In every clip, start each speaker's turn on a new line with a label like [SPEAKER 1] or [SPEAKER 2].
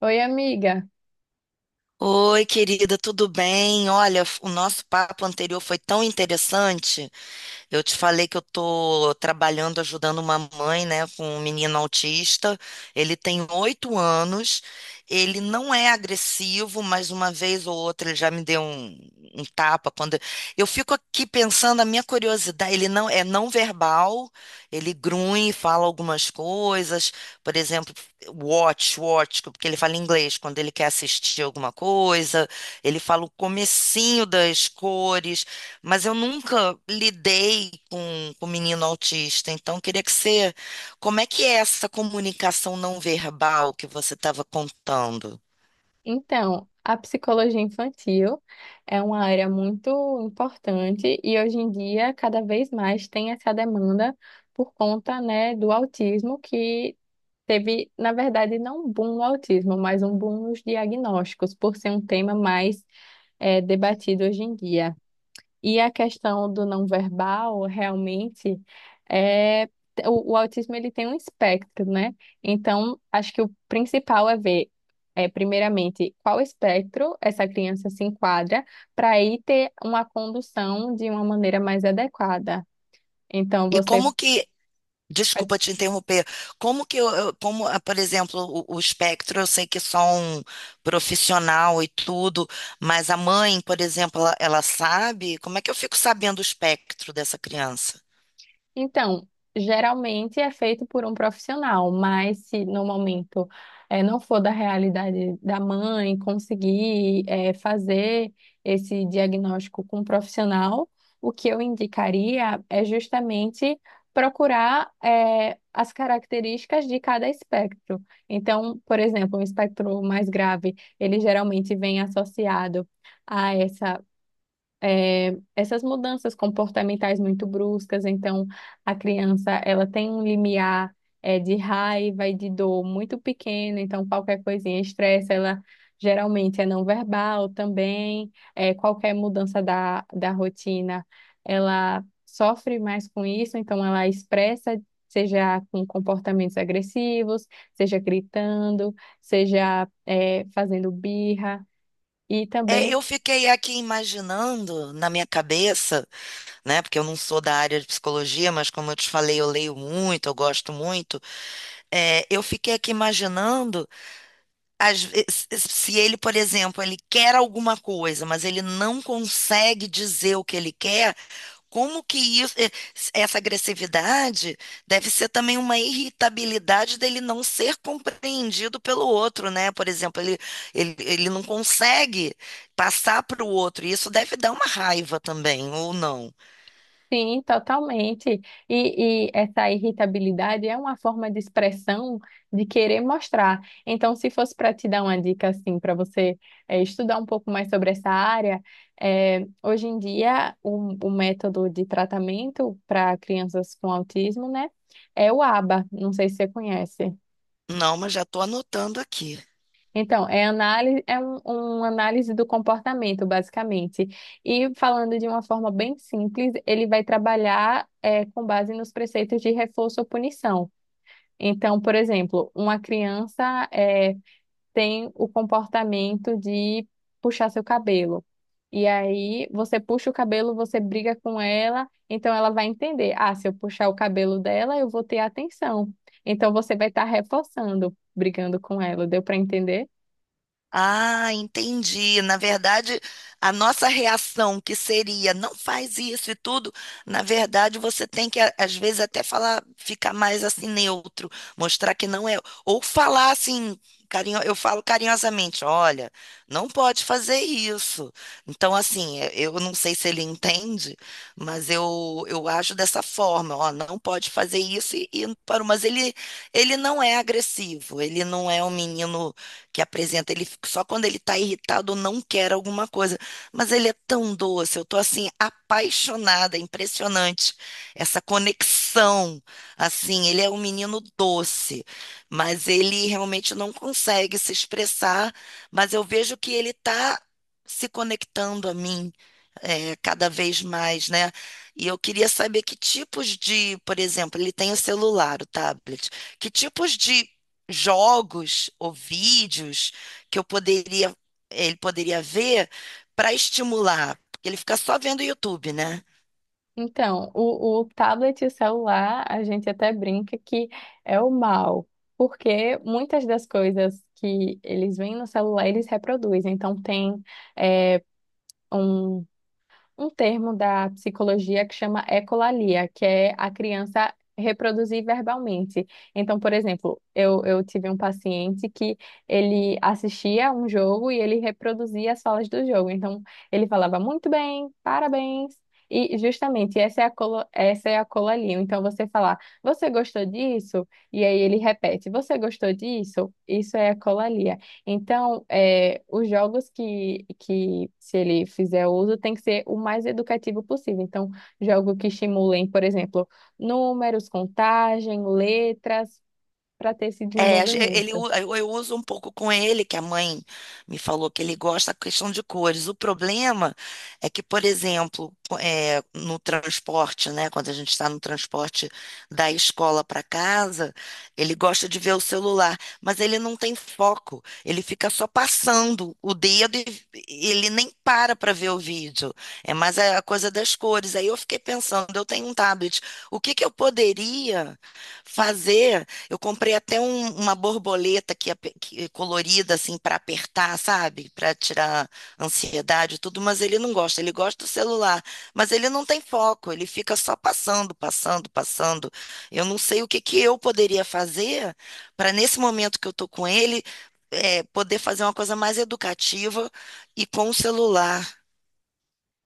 [SPEAKER 1] Oi, amiga.
[SPEAKER 2] Oi, querida, tudo bem? Olha, o nosso papo anterior foi tão interessante. Eu te falei que eu estou trabalhando, ajudando uma mãe, né, com um menino autista. Ele tem 8 anos. Ele não é agressivo, mas uma vez ou outra ele já me deu um tapa quando eu fico aqui pensando a minha curiosidade. Ele não é não verbal. Ele grunhe, fala algumas coisas. Por exemplo, watch, watch, porque ele fala inglês quando ele quer assistir alguma coisa. Ele fala o comecinho das cores. Mas eu nunca lidei com menino autista, então queria que você. Como é que é essa comunicação não verbal que você estava contando?
[SPEAKER 1] Então, a psicologia infantil é uma área muito importante e hoje em dia cada vez mais tem essa demanda por conta, né, do autismo que teve, na verdade, não um boom no autismo, mas um boom nos diagnósticos, por ser um tema mais debatido hoje em dia. E a questão do não verbal, realmente, é o autismo ele tem um espectro, né? Então, acho que o principal é ver, é, primeiramente, qual espectro essa criança se enquadra, para aí ter uma condução de uma maneira mais adequada. Então,
[SPEAKER 2] E
[SPEAKER 1] você.
[SPEAKER 2] como que. Desculpa te interromper. Como que por exemplo, o espectro, eu sei que é só um profissional e tudo, mas a mãe, por exemplo, ela sabe? Como é que eu fico sabendo o espectro dessa criança?
[SPEAKER 1] Então, geralmente é feito por um profissional, mas se no momento não for da realidade da mãe conseguir fazer esse diagnóstico com um profissional, o que eu indicaria é justamente procurar as características de cada espectro. Então, por exemplo, um espectro mais grave, ele geralmente vem associado é, essas mudanças comportamentais muito bruscas. Então, a criança, ela tem um limiar, é, de raiva e de dor muito pequeno. Então, qualquer coisinha estressa, ela geralmente é não verbal também. É, qualquer mudança da rotina, ela sofre mais com isso. Então, ela expressa, seja com comportamentos agressivos, seja gritando, seja, é, fazendo birra. E
[SPEAKER 2] É,
[SPEAKER 1] também.
[SPEAKER 2] eu fiquei aqui imaginando na minha cabeça. Né? Porque eu não sou da área de psicologia, mas como eu te falei, eu leio muito, eu gosto muito. É, eu fiquei aqui imaginando, às vezes, se ele, por exemplo, ele quer alguma coisa, mas ele não consegue dizer o que ele quer, como que isso, essa agressividade deve ser também uma irritabilidade dele não ser compreendido pelo outro, né? Por exemplo, ele não consegue passar para o outro, e isso deve dar uma raiva também, ou não?
[SPEAKER 1] Sim, totalmente. E essa irritabilidade é uma forma de expressão de querer mostrar. Então, se fosse para te dar uma dica assim, para você estudar um pouco mais sobre essa área, hoje em dia o método de tratamento para crianças com autismo, né, é o ABA. Não sei se você conhece.
[SPEAKER 2] Não, mas já estou anotando aqui.
[SPEAKER 1] Então, é análise, é um análise do comportamento, basicamente. E falando de uma forma bem simples, ele vai trabalhar é, com base nos preceitos de reforço ou punição. Então, por exemplo, uma criança é, tem o comportamento de puxar seu cabelo. E aí, você puxa o cabelo, você briga com ela, então ela vai entender: ah, se eu puxar o cabelo dela, eu vou ter atenção. Então, você vai estar reforçando, brigando com ela. Deu para entender?
[SPEAKER 2] Ah, entendi. Na verdade, a nossa reação que seria não faz isso e tudo, na verdade você tem que às vezes até falar, ficar mais assim neutro, mostrar que não é, ou falar assim, carinho, eu falo carinhosamente, olha, não pode fazer isso. Então assim, eu não sei se ele entende, mas eu acho dessa forma, ó, não pode fazer isso e parou, mas ele não é agressivo, ele não é um menino que apresenta. Ele só quando ele está irritado ou não quer alguma coisa. Mas ele é tão doce, eu tô assim apaixonada, é impressionante essa conexão. Assim, ele é um menino doce, mas ele realmente não consegue se expressar, mas eu vejo que ele está se conectando a mim. É, cada vez mais, né? E eu queria saber que tipos de, por exemplo, ele tem o celular, o tablet, que tipos de jogos ou vídeos que eu poderia, ele poderia ver para estimular, porque ele fica só vendo o YouTube, né?
[SPEAKER 1] Então, o tablet e o celular, a gente até brinca que é o mal, porque muitas das coisas que eles veem no celular, eles reproduzem. Então, tem é, um termo da psicologia que chama ecolalia, que é a criança reproduzir verbalmente. Então, por exemplo, eu tive um paciente que ele assistia um jogo e ele reproduzia as falas do jogo. Então, ele falava muito bem, parabéns. E justamente essa é a colo, essa é a colalia. Então você falar, você gostou disso? E aí ele repete, você gostou disso? Isso é a colalia. Então, é, os jogos que, se ele fizer uso, tem que ser o mais educativo possível. Então, jogo que estimulem, por exemplo, números, contagem, letras, para ter esse
[SPEAKER 2] É, a gen- ele,
[SPEAKER 1] desenvolvimento.
[SPEAKER 2] u- eu uso um pouco com ele, que a mãe me falou que ele gosta da questão de cores. O problema é que, por exemplo, no transporte, né, quando a gente está no transporte da escola para casa, ele gosta de ver o celular, mas ele não tem foco. Ele fica só passando o dedo e ele nem para para ver o vídeo. É mais a coisa das cores. Aí eu fiquei pensando, eu tenho um tablet, o que que eu poderia fazer? Eu comprei até uma borboleta que, é colorida assim para apertar, sabe? Para tirar ansiedade e tudo, mas ele não gosta. Ele gosta do celular, mas ele não tem foco. Ele fica só passando, passando, passando. Eu não sei o que que eu poderia fazer para nesse momento que eu tô com ele, é, poder fazer uma coisa mais educativa e com o celular.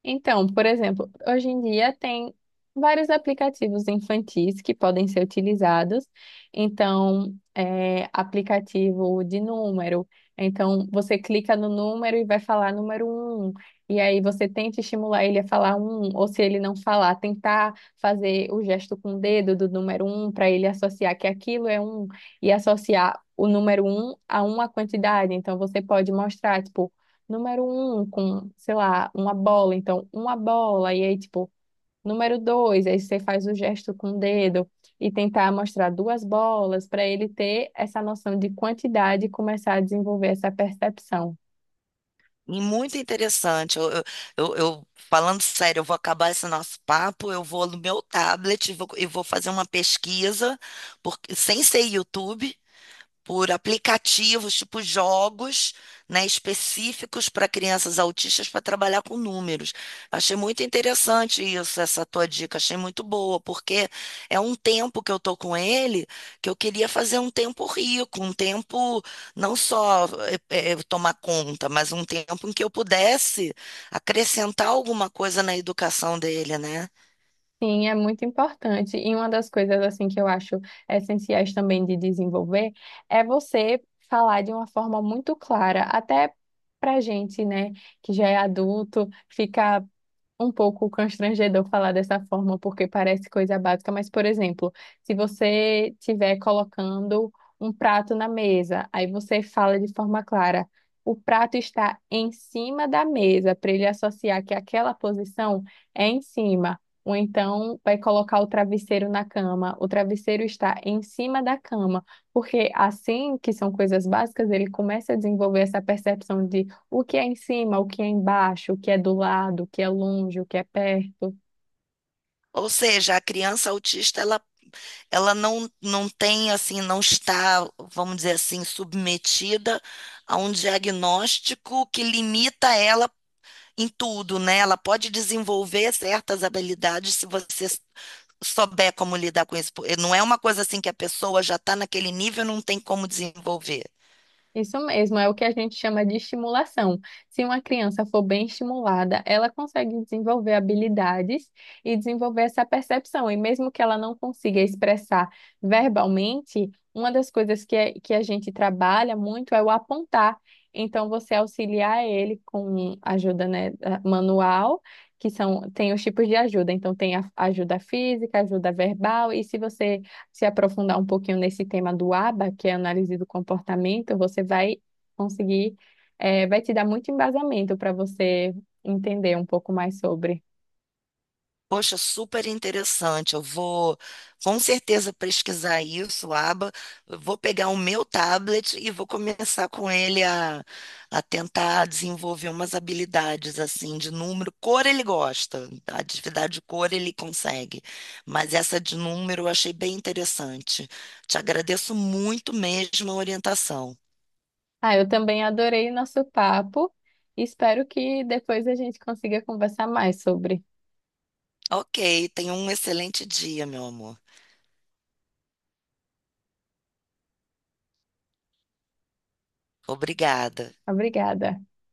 [SPEAKER 1] Então, por exemplo, hoje em dia tem vários aplicativos infantis que podem ser utilizados. Então, é, aplicativo de número. Então, você clica no número e vai falar número um. E aí você tenta estimular ele a falar um, ou se ele não falar, tentar fazer o gesto com o dedo do número um para ele associar que aquilo é um e associar o número um a uma quantidade. Então, você pode mostrar, tipo número um com, sei lá, uma bola, então uma bola, e aí, tipo, número dois, aí você faz o gesto com o dedo e tentar mostrar duas bolas para ele ter essa noção de quantidade e começar a desenvolver essa percepção.
[SPEAKER 2] E muito interessante. Falando sério, eu vou acabar esse nosso papo, eu vou no meu tablet e vou fazer uma pesquisa, porque sem ser YouTube, por aplicativos, tipo jogos, né, específicos para crianças autistas para trabalhar com números. Achei muito interessante isso, essa tua dica, achei muito boa, porque é um tempo que eu tô com ele, que eu queria fazer um tempo rico, um tempo não só tomar conta, mas um tempo em que eu pudesse acrescentar alguma coisa na educação dele, né?
[SPEAKER 1] Sim, é muito importante. E uma das coisas assim que eu acho essenciais também de desenvolver é você falar de uma forma muito clara, até pra gente, né, que já é adulto, fica um pouco constrangedor falar dessa forma, porque parece coisa básica, mas, por exemplo, se você estiver colocando um prato na mesa, aí você fala de forma clara, o prato está em cima da mesa, para ele associar que aquela posição é em cima. Ou então vai colocar o travesseiro na cama, o travesseiro está em cima da cama, porque assim que são coisas básicas, ele começa a desenvolver essa percepção de o que é em cima, o que é embaixo, o que é do lado, o que é longe, o que é perto.
[SPEAKER 2] Ou seja, a criança autista, ela não, não tem, assim, não está, vamos dizer assim, submetida a um diagnóstico que limita ela em tudo, né? Ela pode desenvolver certas habilidades se você souber como lidar com isso. Não é uma coisa assim que a pessoa já está naquele nível e não tem como desenvolver.
[SPEAKER 1] Isso mesmo, é o que a gente chama de estimulação. Se uma criança for bem estimulada, ela consegue desenvolver habilidades e desenvolver essa percepção. E mesmo que ela não consiga expressar verbalmente, uma das coisas que, é- que a gente trabalha muito é o apontar. Então, você auxiliar ele com ajuda, né, da- manual, que são, tem os tipos de ajuda. Então, tem a ajuda física, ajuda verbal, e se você se aprofundar um pouquinho nesse tema do ABA, que é análise do comportamento, você vai conseguir, vai te dar muito embasamento para você entender um pouco mais sobre.
[SPEAKER 2] Poxa, super interessante. Eu vou com certeza pesquisar isso, Aba. Eu vou pegar o meu tablet e vou começar com ele a tentar desenvolver umas habilidades assim de número. Cor ele gosta, a atividade de cor ele consegue, mas essa de número eu achei bem interessante. Te agradeço muito mesmo a orientação.
[SPEAKER 1] Ah, eu também adorei o nosso papo. Espero que depois a gente consiga conversar mais sobre.
[SPEAKER 2] Ok, tenha um excelente dia, meu amor. Obrigada.
[SPEAKER 1] Obrigada.